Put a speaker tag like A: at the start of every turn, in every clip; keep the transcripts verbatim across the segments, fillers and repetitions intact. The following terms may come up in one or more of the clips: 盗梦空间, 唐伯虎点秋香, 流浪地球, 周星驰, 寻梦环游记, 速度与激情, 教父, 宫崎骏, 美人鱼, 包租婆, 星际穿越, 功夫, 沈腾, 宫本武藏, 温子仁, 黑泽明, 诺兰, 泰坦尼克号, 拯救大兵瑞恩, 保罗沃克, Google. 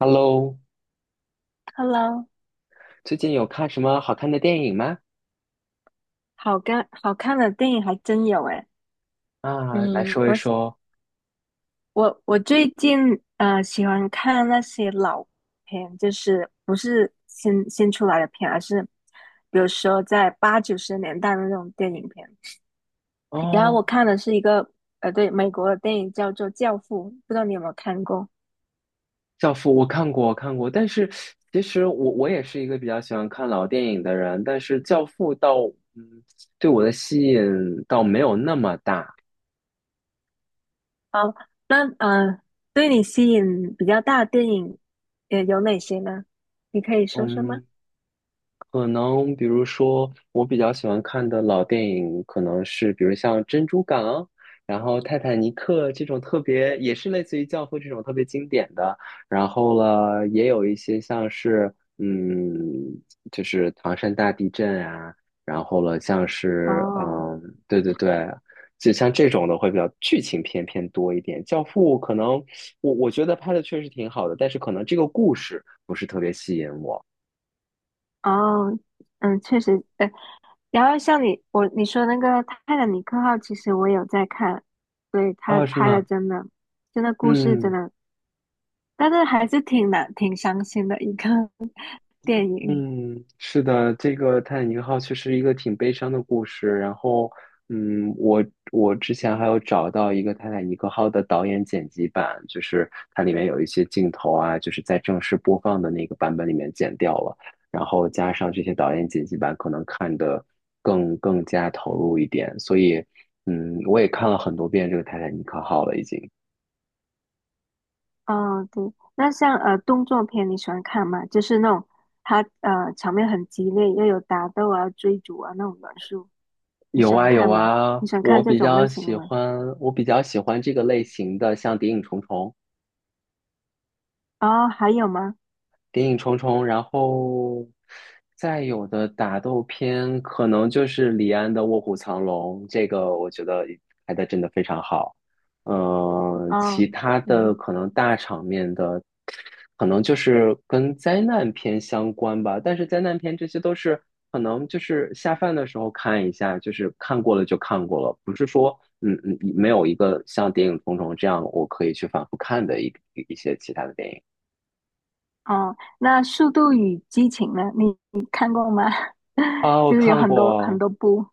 A: Hello，
B: Hello，
A: 最近有看什么好看的电影吗？
B: 好看好看的电影还真有诶。
A: 啊，来
B: 嗯，
A: 说一
B: 我是
A: 说。
B: 我我最近呃喜欢看那些老片，就是不是新新出来的片，而是比如说在八九十年代的那种电影片。然后
A: 哦，
B: 我看的是一个呃对美国的电影叫做《教父》，不知道你有没有看过？
A: 《教父》我看过，我看过，但是其实我我也是一个比较喜欢看老电影的人，但是《教父》倒对我的吸引倒没有那么大。
B: 好，那呃对你吸引比较大的电影呃有哪些呢？你可以说说吗？
A: 嗯，可能比如说，我比较喜欢看的老电影，可能是比如像《珍珠港》，然后《泰坦尼克》这种特别，也是类似于《教父》这种特别经典的。然后了，也有一些像是，嗯，就是唐山大地震啊，然后了，像是，
B: 哦
A: 嗯，对对对，就像这种的会比较剧情片偏多一点。《教父》可能我我觉得拍的确实挺好的，但是可能这个故事不是特别吸引我。
B: 哦，嗯，确实，哎，然后像你我你说那个《泰坦尼克号》，其实我有在看。对，他
A: 啊，是
B: 拍的
A: 吗？
B: 真的真的故事真
A: 嗯
B: 的，但是还是挺难挺伤心的一个 电影。
A: 嗯，是的，这个《泰坦尼克号》确实一个挺悲伤的故事。然后，嗯，我我之前还有找到一个《泰坦尼克号》的导演剪辑版，就是它里面有一些镜头啊，就是在正式播放的那个版本里面剪掉了，然后加上这些导演剪辑版，可能看得更更加投入一点。所以，嗯，我也看了很多遍这个《泰坦尼克号》了，已经。
B: 哦，对，那像呃动作片你喜欢看吗？就是那种他呃场面很激烈，又有打斗啊、追逐啊那种元素，你喜
A: 有
B: 欢
A: 啊有
B: 看吗？
A: 啊，
B: 你喜欢看
A: 我
B: 这
A: 比
B: 种类
A: 较
B: 型的
A: 喜
B: 吗？
A: 欢我比较喜欢这个类型的，像《谍影重重》。
B: 哦，还有吗？
A: 谍影重重，然后再有的打斗片可能就是李安的《卧虎藏龙》，这个我觉得拍的真的非常好。嗯、其
B: 哦，
A: 他的
B: 嗯。
A: 可能大场面的，可能就是跟灾难片相关吧。但是灾难片这些都是可能就是下饭的时候看一下，就是看过了就看过了，不是说嗯嗯没有一个像《谍影重重》这样我可以去反复看的一一些其他的电影。
B: 哦，那《速度与激情》呢？你你看过吗？
A: 啊，我
B: 就是有
A: 看
B: 很多很
A: 过，
B: 多部，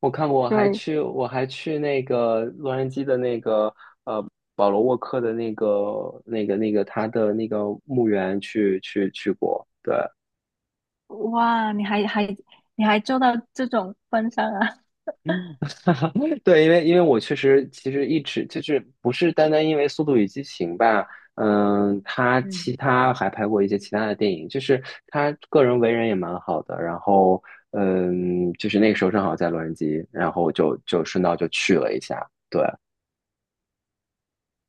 A: 我看过，我还
B: 对，
A: 去，我还去那个洛杉矶的那个呃保罗沃克的那个那个那个他的那个墓园去去去过。
B: 哇，你还还你还做到这种份上啊？
A: 嗯 对，因为因为我确实其实一直就是不是单单因为《速度与激情》吧，嗯，他
B: 嗯，
A: 其他还拍过一些其他的电影，就是他个人为人也蛮好的，然后嗯，就是那个时候正好在洛杉矶，然后就就顺道就去了一下，对。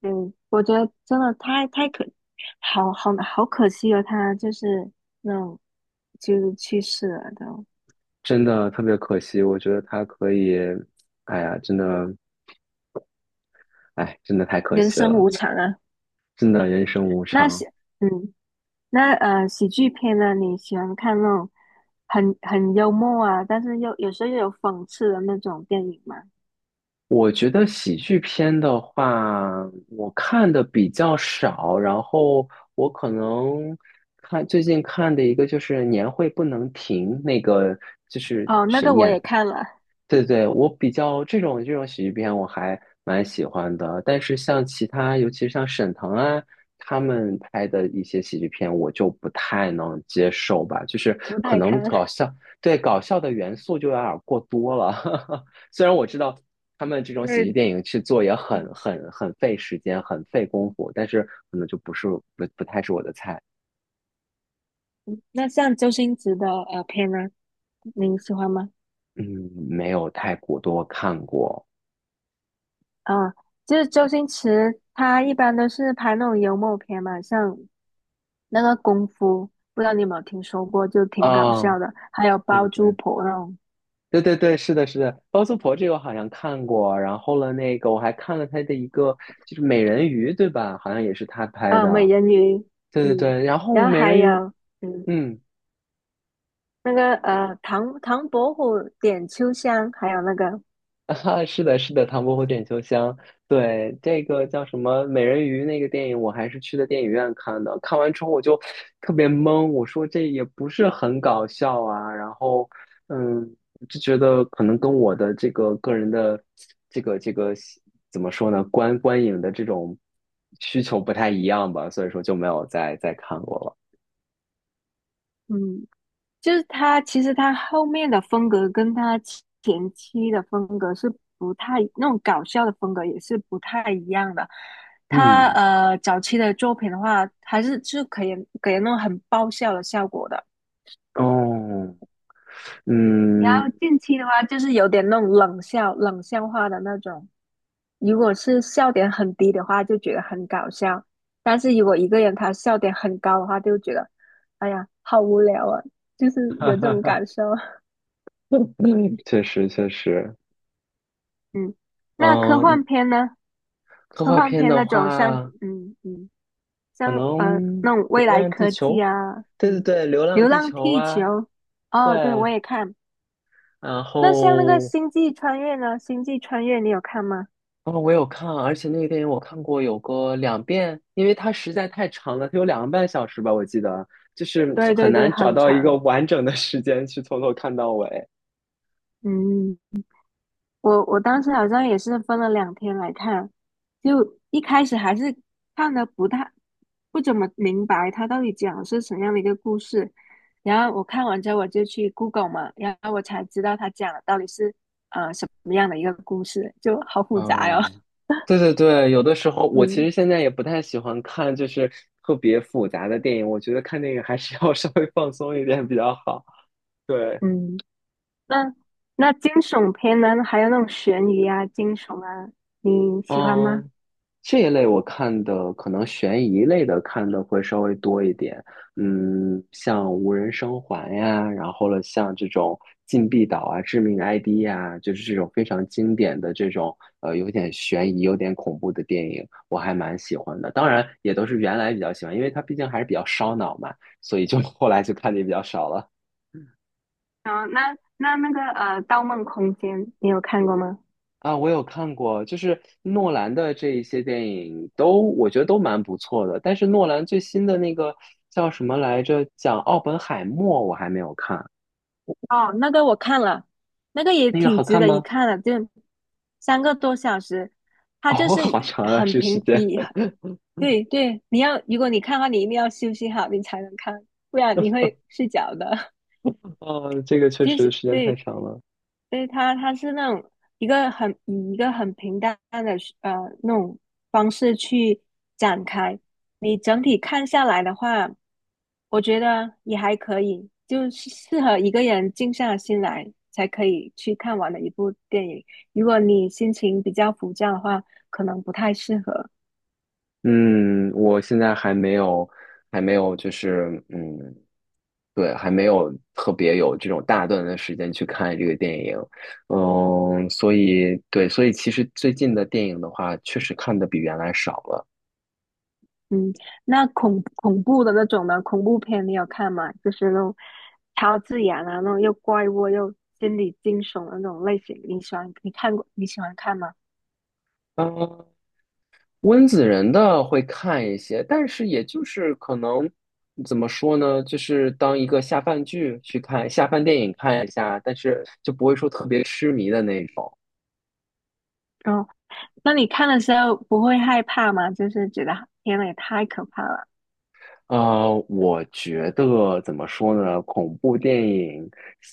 B: 对，我觉得真的太太可，好好好可惜了，他就是那种就是去世了都，
A: 真的特别可惜，我觉得他可以，哎呀，真的，哎，真的太可
B: 人
A: 惜
B: 生
A: 了，
B: 无常啊。
A: 真的人生无
B: 那喜
A: 常。
B: 嗯，那呃喜剧片呢？你喜欢看那种很很幽默啊，但是又有时候又有讽刺的那种电影吗？
A: 我觉得喜剧片的话，我看的比较少，然后我可能看最近看的一个就是《年会不能停》，那个就是
B: 哦，那个我也看了，
A: 对对，我比较这种这种喜剧片我还蛮喜欢的，但是像其他，尤其是像沈腾啊他们拍的一些喜剧片，我就不太能接受吧，就是
B: 不
A: 可
B: 太
A: 能
B: 看
A: 搞 笑，对搞笑的元素就有点儿过多了。虽然我知道他们这种喜
B: 对，
A: 剧电影去做也
B: 嗯，
A: 很很很费时间，很费功夫，但是可能就不是不不太是我的菜，
B: 那像周星驰的呃片呢，您喜欢吗？
A: 嗯，没有太过多看过
B: 啊、就是周星驰他一般都是拍那种幽默片嘛，像那个《功夫》，不知道你有没有听说过，就挺搞
A: 啊，
B: 笑的。还有
A: 对对
B: 《包租
A: 对。
B: 婆》那种，
A: 对对对，是的，是的，包租婆这个我好像看过，然后了那个我还看了他的一个就是美人鱼，对吧？好像也是他拍
B: 啊，美
A: 的。
B: 人鱼，
A: 对对
B: 嗯，
A: 对，然后
B: 然后
A: 美
B: 还
A: 人鱼，
B: 有嗯
A: 嗯，
B: 那个呃唐唐伯虎点秋香，还有那个
A: 啊，是的，是的，《唐伯虎点秋香》对这个叫什么美人鱼那个电影，我还是去的电影院看的。看完之后我就特别懵，我说这也不是很搞笑啊。然后，嗯，就觉得可能跟我的这个个人的这个这个怎么说呢，观观影的这种需求不太一样吧，所以说就没有再再看过了。
B: 嗯就是他，其实他后面的风格跟他前期的风格是不太，那种搞笑的风格也是不太一样的。他
A: 嗯，
B: 呃早期的作品的话，还是是可以给人那种很爆笑的效果的。
A: 哦，
B: 然
A: 嗯，
B: 后近期的话，就是有点那种冷笑、冷笑话的那种。如果是笑点很低的话，就觉得很搞笑；但是如果一个人他笑点很高的话，就觉得哎呀好无聊啊，就是有这种感受。
A: 确实确实，
B: 嗯，那科
A: 嗯，
B: 幻片呢？
A: 科
B: 科
A: 幻
B: 幻
A: 片
B: 片
A: 的
B: 那种像，
A: 话，
B: 嗯嗯，
A: 可
B: 像
A: 能
B: 呃那种未
A: 《流
B: 来
A: 浪地
B: 科
A: 球》，
B: 技啊，
A: 对对
B: 嗯，
A: 对，《流浪
B: 《流
A: 地
B: 浪
A: 球》
B: 地球》。
A: 啊，
B: 哦，对，
A: 对，
B: 我也看。
A: 然
B: 那像那个
A: 后，
B: 《星际穿越》呢？《星际穿越》你有看吗？
A: 然后我有看，而且那个电影我看过有个两遍，因为它实在太长了，它有两个半小时吧，我记得，就是
B: 对
A: 很
B: 对对，
A: 难找
B: 很
A: 到一个
B: 长。
A: 完整的时间去从头看到尾。
B: 嗯。我我当时好像也是分了两天来看，就一开始还是看的不太不怎么明白他到底讲的是什么样的一个故事，然后我看完之后我就去 Google 嘛，然后我才知道他讲的到底是呃什么样的一个故事，就好复杂哟、
A: 嗯，对对对，有的时候 我其
B: 嗯
A: 实现在也不太喜欢看，就是特别复杂的电影，我觉得看电影还是要 稍微放松一点比较好。对。
B: 嗯，那那惊悚片呢，还有那种悬疑啊、惊悚啊，你喜欢吗？
A: 嗯，这一类我看的可能悬疑类的看的会稍微多一点，嗯，像无人生还呀，然后了像这种禁闭岛啊、致命 I D 呀，就是这种非常经典的这种呃有点悬疑、有点恐怖的电影，我还蛮喜欢的。当然也都是原来比较喜欢，因为它毕竟还是比较烧脑嘛，所以就后来就看的也比较少了。
B: 啊，那那那个呃《盗梦空间》，你有看过吗？
A: 啊，我有看过，就是诺兰的这一些电影都，我觉得都蛮不错的。但是诺兰最新的那个叫什么来着？讲奥本海默，我还没有看，
B: 哦，那个我看了，那个也
A: 那个
B: 挺
A: 好
B: 值
A: 看
B: 得一
A: 吗？
B: 看的，就三个多小时，它就
A: 哦，
B: 是
A: 好
B: 以
A: 长啊，
B: 很
A: 这时
B: 平
A: 间。
B: 以，对对，你要如果你看的话，你一定要休息好，你才能看，不然你会睡着的。
A: 哦，这个 确
B: 其
A: 实
B: 实
A: 时间太
B: 对，
A: 长了。
B: 所以它它是那种一个很以一个很平淡的呃那种方式去展开。你整体看下来的话，我觉得也还可以，就是适合一个人静下心来才可以去看完的一部电影。如果你心情比较浮躁的话，可能不太适合。
A: 嗯，我现在还没有，还没有，就是嗯，对，还没有特别有这种大段的时间去看这个电影，嗯，所以对，所以其实最近的电影的话，确实看的比原来少了。
B: 嗯，那恐恐怖的那种呢？恐怖片你有看吗？就是那种超自然啊，那种又怪物又心理惊悚的那种类型，你喜欢？你看过？你喜欢看吗？
A: 嗯，温子仁的会看一些，但是也就是可能怎么说呢，就是当一个下饭剧去看，下饭电影看一下，但是就不会说特别痴迷的那种。
B: 哦，那你看的时候不会害怕吗？就是觉得天呐，也太可怕了。
A: 呃，我觉得怎么说呢？恐怖电影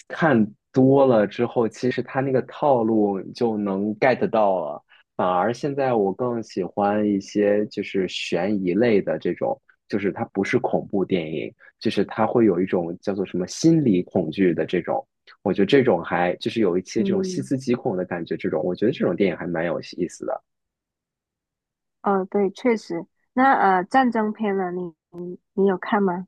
A: 看多了之后，其实它那个套路你就能 get 到了。反而现在我更喜欢一些就是悬疑类的这种，就是它不是恐怖电影，就是它会有一种叫做什么心理恐惧的这种。我觉得这种还就是有一些这种细
B: 嗯，
A: 思极恐的感觉，这种我觉得这种电影还蛮有意思的。
B: 哦，对，确实。那呃，战争片呢？你你你有看吗？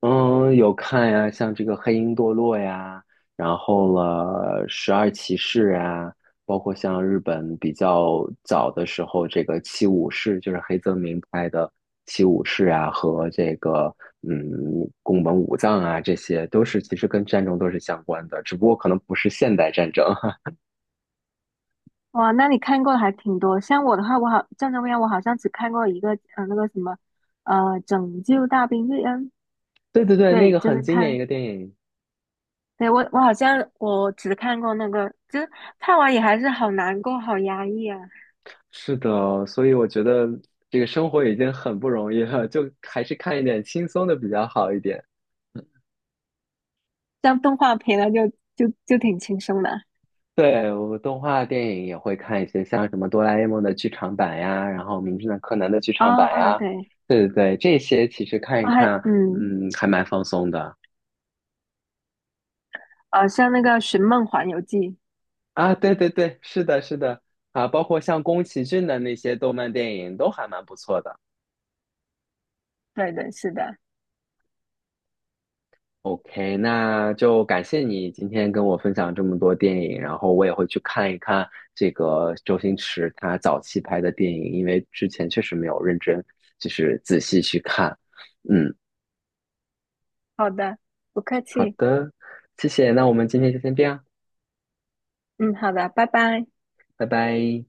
A: 嗯，有看呀，像这个《黑鹰堕落》呀，然后了《十二骑士》啊，包括像日本比较早的时候，这个《七武士》就是黑泽明拍的《七武士》啊，和这个嗯宫本武藏啊，这些都是其实跟战争都是相关的，只不过可能不是现代战争。
B: 哇，那你看过的还挺多。像我的话，我好战争片，我好像只看过一个，呃，那个什么，呃，《拯救大兵瑞恩》。
A: 对对对，那
B: 对，
A: 个
B: 就
A: 很
B: 是
A: 经典一
B: 看
A: 个电影。
B: 对，我我好像我只看过那个，就是看完也还是好难过，好压抑啊。
A: 是的，所以我觉得这个生活已经很不容易了，就还是看一点轻松的比较好一点。
B: 像动画片呢，就就就挺轻松的
A: 对，我动画电影也会看一些，像什么哆啦 A 梦的剧场版呀，然后名侦探柯南的剧场版
B: 啊。
A: 呀，
B: 对，
A: 对对对，这些其实看一
B: 啊、还
A: 看，
B: 嗯，
A: 嗯，还蛮放松的
B: 啊，像那个《寻梦环游记》，
A: 啊。对对对，是的，是的啊，包括像宫崎骏的那些动漫电影都还蛮不错的。
B: 对对，是的，
A: OK，那就感谢你今天跟我分享这么多电影，然后我也会去看一看这个周星驰他早期拍的电影，因为之前确实没有认真，就是仔细去看。嗯。
B: 好的，不客
A: 好
B: 气，
A: 的，谢谢，那我们今天就先这样，
B: 嗯，好的，拜拜。
A: 拜拜。